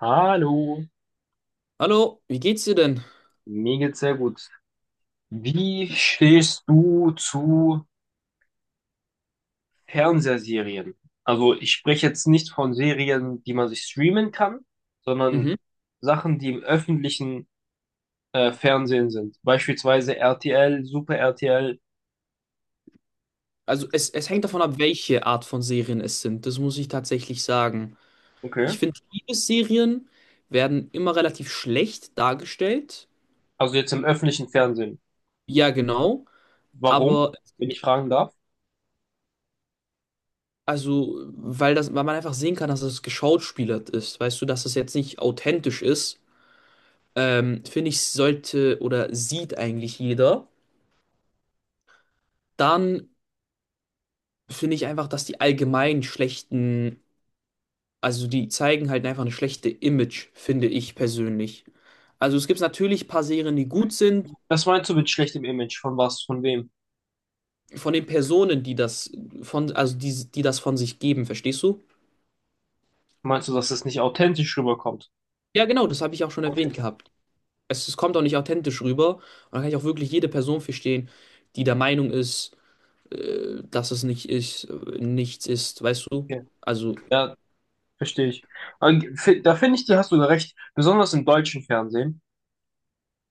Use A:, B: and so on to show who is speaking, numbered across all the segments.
A: Hallo,
B: Hallo, wie geht's dir denn?
A: mir geht's sehr gut. Wie stehst du zu Fernsehserien? Also ich spreche jetzt nicht von Serien, die man sich streamen kann, sondern
B: Mhm.
A: Sachen, die im öffentlichen Fernsehen sind. Beispielsweise RTL, Super RTL.
B: Also es hängt davon ab, welche Art von Serien es sind. Das muss ich tatsächlich sagen.
A: Okay.
B: Ich finde, Liebesserien werden immer relativ schlecht dargestellt.
A: Also jetzt im öffentlichen Fernsehen.
B: Ja, genau.
A: Warum,
B: Aber
A: wenn ich fragen darf?
B: also, weil man einfach sehen kann, dass es geschauspielert ist, weißt du, dass es jetzt nicht authentisch ist, finde ich, sollte oder sieht eigentlich jeder. Dann finde ich einfach, dass die allgemein schlechten, also die zeigen halt einfach eine schlechte Image, finde ich persönlich. Also es gibt natürlich ein paar Serien, die gut sind,
A: Was meinst du mit schlechtem Image? Von was? Von wem?
B: von den Personen, die das von, also die das von sich geben, verstehst du?
A: Meinst du, dass es nicht authentisch rüberkommt?
B: Ja, genau, das habe ich auch schon
A: Okay.
B: erwähnt gehabt. Es kommt auch nicht authentisch rüber. Und da kann ich auch wirklich jede Person verstehen, die der Meinung ist, dass es nicht ist, nichts ist, weißt du?
A: Okay.
B: Also,
A: Ja, verstehe ich. Aber da finde ich, dir hast du recht. Besonders im deutschen Fernsehen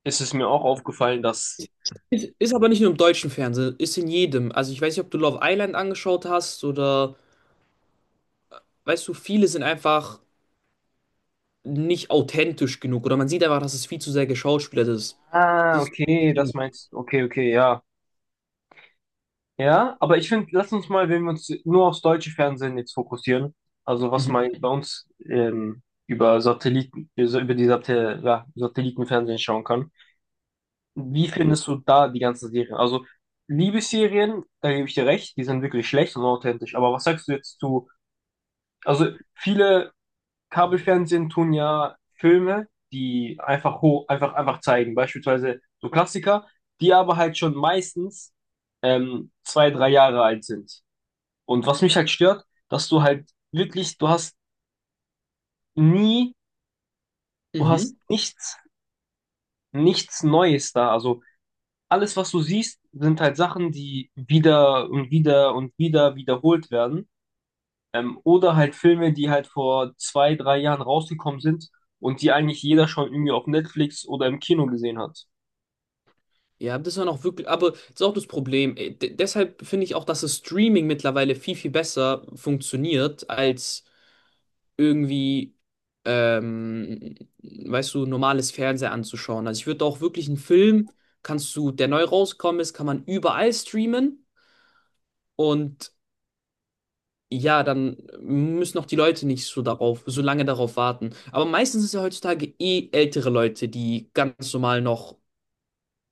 A: ist es mir auch aufgefallen, dass.
B: ist aber nicht nur im deutschen Fernsehen, ist in jedem. Also ich weiß nicht, ob du Love Island angeschaut hast, oder, weißt du, viele sind einfach nicht authentisch genug oder man sieht einfach, dass es viel zu sehr geschauspielert ist.
A: Ah,
B: Das ist.
A: okay, das meinst du. Okay, okay, ja. Ja, aber ich finde, lass uns mal, wenn wir uns nur aufs deutsche Fernsehen jetzt fokussieren, also was
B: Mhm.
A: mal bei uns über Satelliten, also über die Satel ja, Satellitenfernsehen schauen kann. Wie findest du da die ganzen Serien? Also Liebesserien, da gebe ich dir recht, die sind wirklich schlecht und authentisch. Aber was sagst du jetzt zu? Also viele Kabelfernsehen tun ja Filme, die einfach hoch, einfach zeigen. Beispielsweise so Klassiker, die aber halt schon meistens zwei, drei Jahre alt sind. Und was mich halt stört, dass du halt wirklich, du hast nie, du hast
B: Mhm.
A: nichts, Neues da. Also alles, was du siehst, sind halt Sachen, die wieder und wieder und wieder wiederholt werden. Oder halt Filme, die halt vor zwei, drei Jahren rausgekommen sind und die eigentlich jeder schon irgendwie auf Netflix oder im Kino gesehen hat.
B: Ja, das war noch wirklich, aber das ist auch das Problem. Deshalb finde ich auch, dass das Streaming mittlerweile viel, viel besser funktioniert als irgendwie, ähm, weißt du, normales Fernsehen anzuschauen. Also ich würde auch wirklich einen Film, kannst du, der neu rausgekommen ist, kann man überall streamen und ja, dann müssen auch die Leute nicht so darauf, so lange darauf warten. Aber meistens ist ja heutzutage eh ältere Leute, die ganz normal noch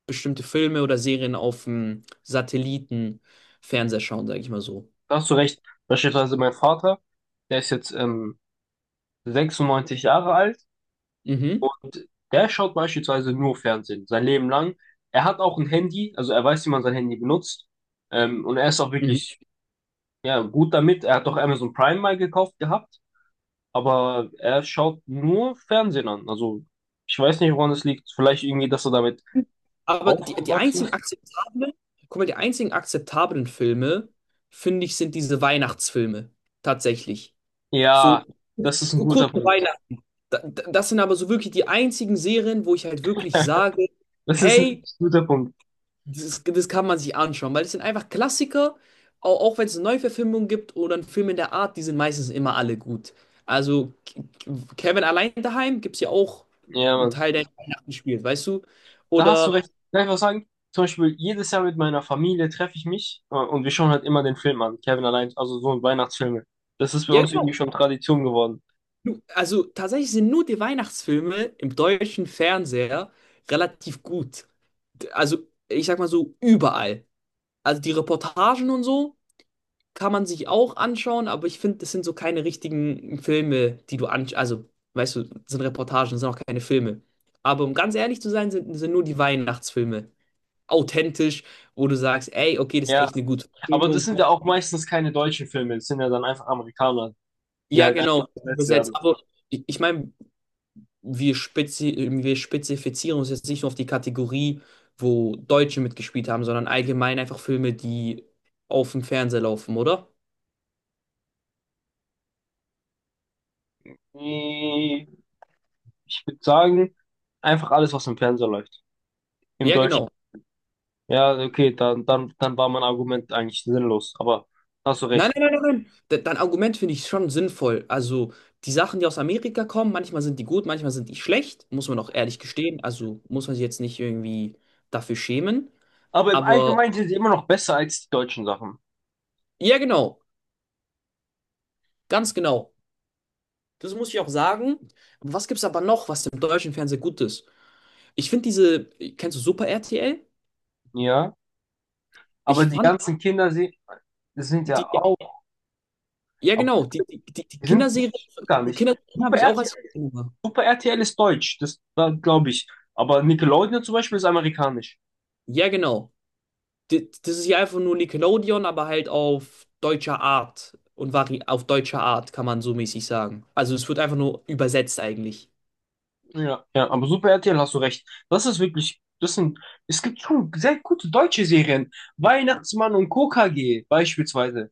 B: bestimmte Filme oder Serien auf dem Satellitenfernseher schauen, sage ich mal so.
A: Da hast du recht. Beispielsweise mein Vater, der ist jetzt 96 Jahre alt
B: Mhm.
A: und der schaut beispielsweise nur Fernsehen, sein Leben lang. Er hat auch ein Handy, also er weiß, wie man sein Handy benutzt. Und er ist auch
B: Mhm.
A: wirklich ja, gut damit. Er hat doch Amazon Prime mal gekauft gehabt, aber er schaut nur Fernsehen an. Also ich weiß nicht, woran es liegt. Vielleicht irgendwie, dass er damit
B: Aber die
A: aufgewachsen
B: einzigen
A: ist?
B: akzeptablen, guck mal, die einzigen akzeptablen Filme, finde ich, sind diese Weihnachtsfilme. Tatsächlich.
A: Ja,
B: So
A: das ist ein guter
B: kurz vor
A: Punkt.
B: Weihnachten. Das sind aber so wirklich die einzigen Serien, wo ich halt wirklich sage,
A: Das ist ein
B: hey,
A: richtig guter Punkt.
B: das kann man sich anschauen, weil es sind einfach Klassiker, auch wenn es eine Neuverfilmung gibt oder einen Film in der Art, die sind meistens immer alle gut. Also Kevin allein daheim gibt es ja auch
A: Ja,
B: einen
A: Mann.
B: Teil, der in Weihnachten spielt, weißt du?
A: Da hast du
B: Oder,
A: recht. Kann ich was sagen? Zum Beispiel, jedes Jahr mit meiner Familie treffe ich mich und wir schauen halt immer den Film an. Kevin allein, also so ein Weihnachtsfilme. Das ist bei
B: ja
A: uns
B: genau.
A: irgendwie schon Tradition geworden.
B: Also tatsächlich sind nur die Weihnachtsfilme im deutschen Fernseher relativ gut. Also ich sag mal so überall. Also die Reportagen und so kann man sich auch anschauen, aber ich finde, das sind so keine richtigen Filme, die du anschaust. Also, weißt du, das sind Reportagen, das sind auch keine Filme. Aber um ganz ehrlich zu sein, sind nur die Weihnachtsfilme authentisch, wo du sagst, ey, okay, das ist
A: Ja,
B: echt eine gute
A: aber das
B: Filmung.
A: sind ja auch meistens keine deutschen Filme. Das sind ja dann einfach Amerikaner, die
B: Ja,
A: halt einfach
B: genau,
A: besetzt
B: übersetzt.
A: werden.
B: Aber ich meine, wir, spezi wir spezifizieren uns jetzt nicht nur auf die Kategorie, wo Deutsche mitgespielt haben, sondern allgemein einfach Filme, die auf dem Fernseher laufen, oder?
A: Nee, ich würde sagen, einfach alles, was im Fernseher läuft. Im
B: Ja,
A: deutschen.
B: genau.
A: Ja, okay, dann war mein Argument eigentlich sinnlos, aber hast du
B: Nein,
A: recht.
B: nein, nein, nein, nein. Dein Argument finde ich schon sinnvoll. Also die Sachen, die aus Amerika kommen, manchmal sind die gut, manchmal sind die schlecht, muss man auch ehrlich gestehen. Also muss man sich jetzt nicht irgendwie dafür schämen.
A: Aber im
B: Aber
A: Allgemeinen sind sie immer noch besser als die deutschen Sachen.
B: ja, genau, ganz genau. Das muss ich auch sagen. Was gibt es aber noch, was im deutschen Fernsehen gut ist? Ich finde diese, kennst du Super RTL?
A: Ja, aber
B: Ich
A: die
B: fand
A: ganzen Kinder sie, das sind
B: die,
A: ja auch,
B: ja
A: aber
B: genau, die
A: die sind
B: Kinderserie,
A: nicht, gar
B: die
A: nicht.
B: Kinderserie habe
A: Super
B: ich auch als.
A: RTL, Super RTL ist deutsch, das, da glaube ich. Aber Nickelodeon zum Beispiel ist amerikanisch.
B: Ja, genau. Das ist ja einfach nur Nickelodeon, aber halt auf deutscher Art und vari auf deutscher Art, kann man so mäßig sagen. Also es wird einfach nur übersetzt eigentlich.
A: Ja, ja, aber Super RTL hast du recht. Das ist wirklich, das sind, es gibt schon sehr gute deutsche Serien. Weihnachtsmann und KKG beispielsweise.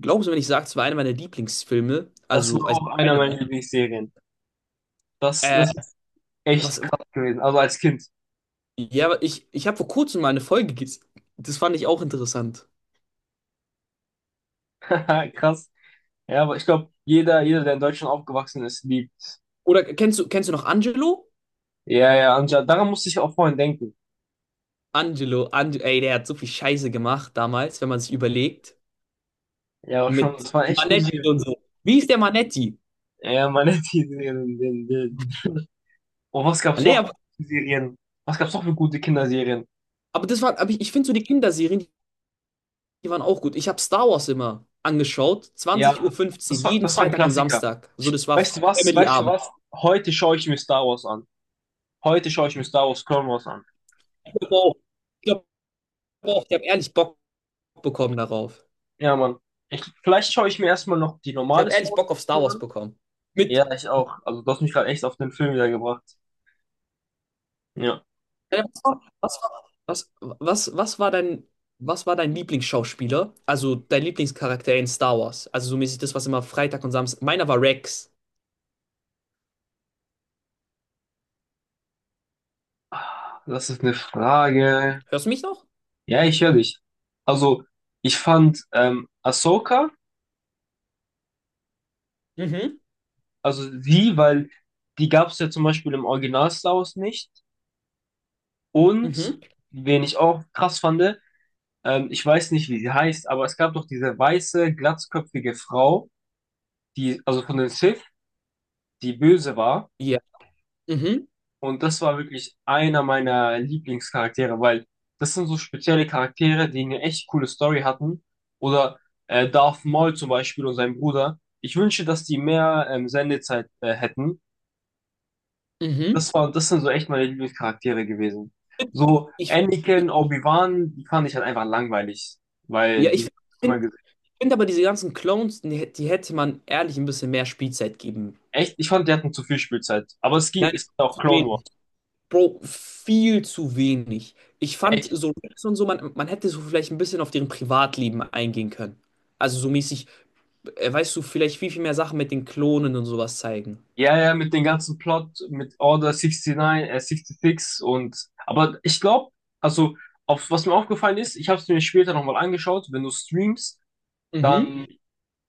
B: Glaubst du, wenn ich sage, es war einer meiner Lieblingsfilme,
A: Das
B: also,
A: war
B: also
A: auch einer
B: einer,
A: meiner
B: ne?
A: Lieblingsserien. Das,
B: Äh,
A: das ist
B: was,
A: echt krass gewesen. Also als Kind.
B: ja, ich habe vor kurzem mal eine Folge gesehen. Das fand ich auch interessant.
A: Krass. Ja, aber ich glaube, jeder, der in Deutschland aufgewachsen ist, liebt.
B: Oder kennst du noch Angelo?
A: Ja, ja, Anja, daran musste ich auch vorhin denken.
B: Angelo, Ange ey, der hat so viel Scheiße gemacht damals, wenn man sich überlegt.
A: Ja, aber schon,
B: Mit
A: das war echt gute
B: Manetti
A: Serie.
B: und so. Wie ist der Manetti?
A: Ja, meine, die. Und was gab's
B: Nee,
A: noch
B: aber,
A: für Serien? Was gab's noch für gute Kinderserien?
B: aber das war, aber ich finde so die Kinderserien, die waren auch gut. Ich habe Star Wars immer angeschaut,
A: Ja,
B: 20:15 Uhr,
A: das
B: fünfzehn,
A: war,
B: jeden
A: das war ein
B: Freitag und
A: Klassiker.
B: Samstag. So, das war
A: Weißt du was? Weißt du
B: Family-Abend.
A: was? Heute schaue ich mir Star Wars an. Heute schaue ich mir Star Wars Clone Wars an.
B: Ich glaube auch, ich glaub ich habe ehrlich Bock bekommen darauf.
A: Ja, Mann. Vielleicht schaue ich mir erstmal noch die
B: Ich
A: normale
B: habe
A: Star
B: ehrlich
A: Wars
B: Bock auf Star Wars
A: an.
B: bekommen. Mit,
A: Ja, ich auch. Also du hast mich gerade echt auf den Film wiedergebracht. Ja,
B: äh, was war, was war, was, was war dein Lieblingsschauspieler? Also dein Lieblingscharakter in Star Wars? Also so mäßig das, was immer Freitag und Samstag. Meiner war Rex.
A: das ist eine Frage.
B: Hörst du mich noch?
A: Ja, ich höre dich. Also ich fand Ahsoka,
B: Mhm,
A: also sie weil die gab es ja zum Beispiel im Original Star Wars nicht. Und
B: mhm.
A: wen ich auch krass fand, ich weiß nicht, wie sie heißt, aber es gab doch diese weiße, glatzköpfige Frau, die, also von den Sith, die böse war.
B: Ja. Mhm,
A: Und das war wirklich einer meiner Lieblingscharaktere, weil das sind so spezielle Charaktere, die eine echt coole Story hatten. Oder Darth Maul zum Beispiel und sein Bruder. Ich wünsche, dass die mehr Sendezeit hätten.
B: mhm.
A: Das war, das sind so echt meine Lieblingscharaktere gewesen. So
B: Ich,
A: Anakin,
B: ich-
A: Obi-Wan, die fand ich halt einfach langweilig,
B: ja,
A: weil die hab
B: ich
A: ich immer gesehen.
B: finde aber diese ganzen Clones, die hätte man ehrlich ein bisschen mehr Spielzeit geben.
A: Echt, ich fand, die hatten zu viel Spielzeit. Aber es ging,
B: Nein,
A: es
B: nein,
A: ging auch
B: zu
A: Clone Wars.
B: wenig. Bro, viel zu wenig. Ich fand
A: Echt.
B: so Rex und so, man hätte so vielleicht ein bisschen auf deren Privatleben eingehen können. Also so mäßig, weißt du, vielleicht viel, viel mehr Sachen mit den Klonen und sowas zeigen.
A: Ja, ja, mit dem ganzen Plot, mit Order 69, 66 und, aber ich glaube, also, auf, was mir aufgefallen ist, ich habe es mir später nochmal angeschaut, wenn du streamst,
B: Mhm.
A: dann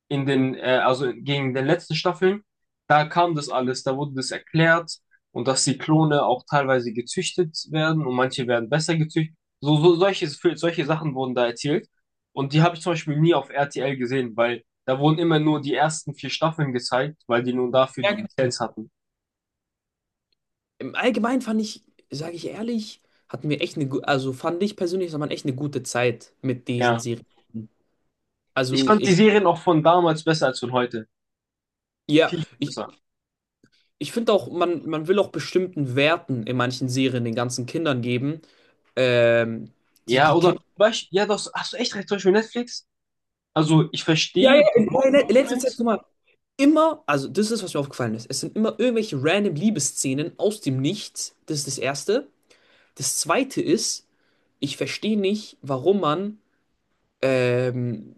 A: in den, also gegen den letzten Staffeln, da kam das alles, da wurde das erklärt und dass die Klone auch teilweise gezüchtet werden und manche werden besser gezüchtet. So solche Sachen wurden da erzählt und die habe ich zum Beispiel nie auf RTL gesehen, weil da wurden immer nur die ersten vier Staffeln gezeigt, weil die nun dafür
B: Ja,
A: die
B: genau.
A: Lizenz hatten.
B: Im Allgemeinen fand ich, sage ich ehrlich, hatten wir echt also fand ich persönlich, hat man echt eine gute Zeit mit diesen
A: Ja.
B: Serien.
A: Ich
B: Also,
A: fand die
B: egal.
A: Serien auch von damals besser als von heute.
B: Ja,
A: Viel
B: ich,
A: besser.
B: ich finde auch, man will auch bestimmten Werten in manchen Serien den ganzen Kindern geben, ähm, die
A: Ja,
B: die
A: oder,
B: Kinder.
A: weißt, ja, das hast du echt recht, zum Beispiel Netflix. Also, ich
B: Ja, ja,
A: verstehe die Woke
B: in letzter Zeit,
A: Movement.
B: guck mal, immer, also das ist, was mir aufgefallen ist. Es sind immer irgendwelche random Liebesszenen aus dem Nichts. Das ist das Erste. Das Zweite ist, ich verstehe nicht, warum man, ähm,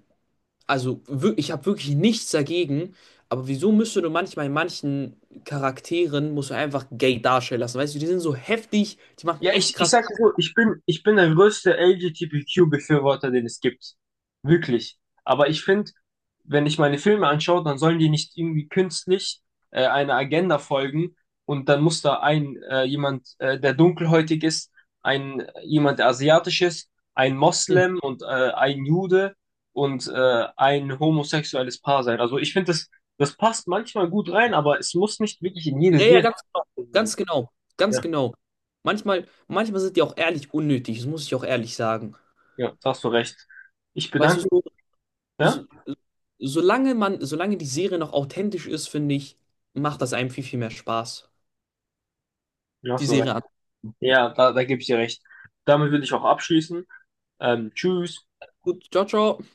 B: also ich habe wirklich nichts dagegen, aber wieso müsste du manchmal in manchen Charakteren, musst du einfach gay darstellen lassen, weißt du, die sind so heftig, die machen
A: Ja,
B: echt
A: ich
B: krass.
A: sag dir so, ich bin der größte LGBTQ-Befürworter, den es gibt. Wirklich. Aber ich finde, wenn ich meine Filme anschaue, dann sollen die nicht irgendwie künstlich einer Agenda folgen und dann muss da ein jemand, der dunkelhäutig ist, ein jemand, der asiatisch ist, ein Moslem und ein Jude und ein homosexuelles Paar sein. Also ich finde, das passt manchmal gut rein, aber es muss nicht wirklich in jede
B: Ja, ja,
A: Serie
B: ganz genau. Ganz
A: sein.
B: genau. Ganz
A: Ja,
B: genau. Manchmal sind die auch ehrlich unnötig, das muss ich auch ehrlich sagen.
A: ja, da hast du recht. Ich
B: Weißt du,
A: bedanke. Ja?
B: so, solange die Serie noch authentisch ist, finde ich, macht das einem viel, viel mehr Spaß, die
A: Hast du
B: Serie
A: recht.
B: an.
A: Ja, da gebe ich dir recht. Damit würde ich auch abschließen. Tschüss.
B: Gut, ciao, ciao.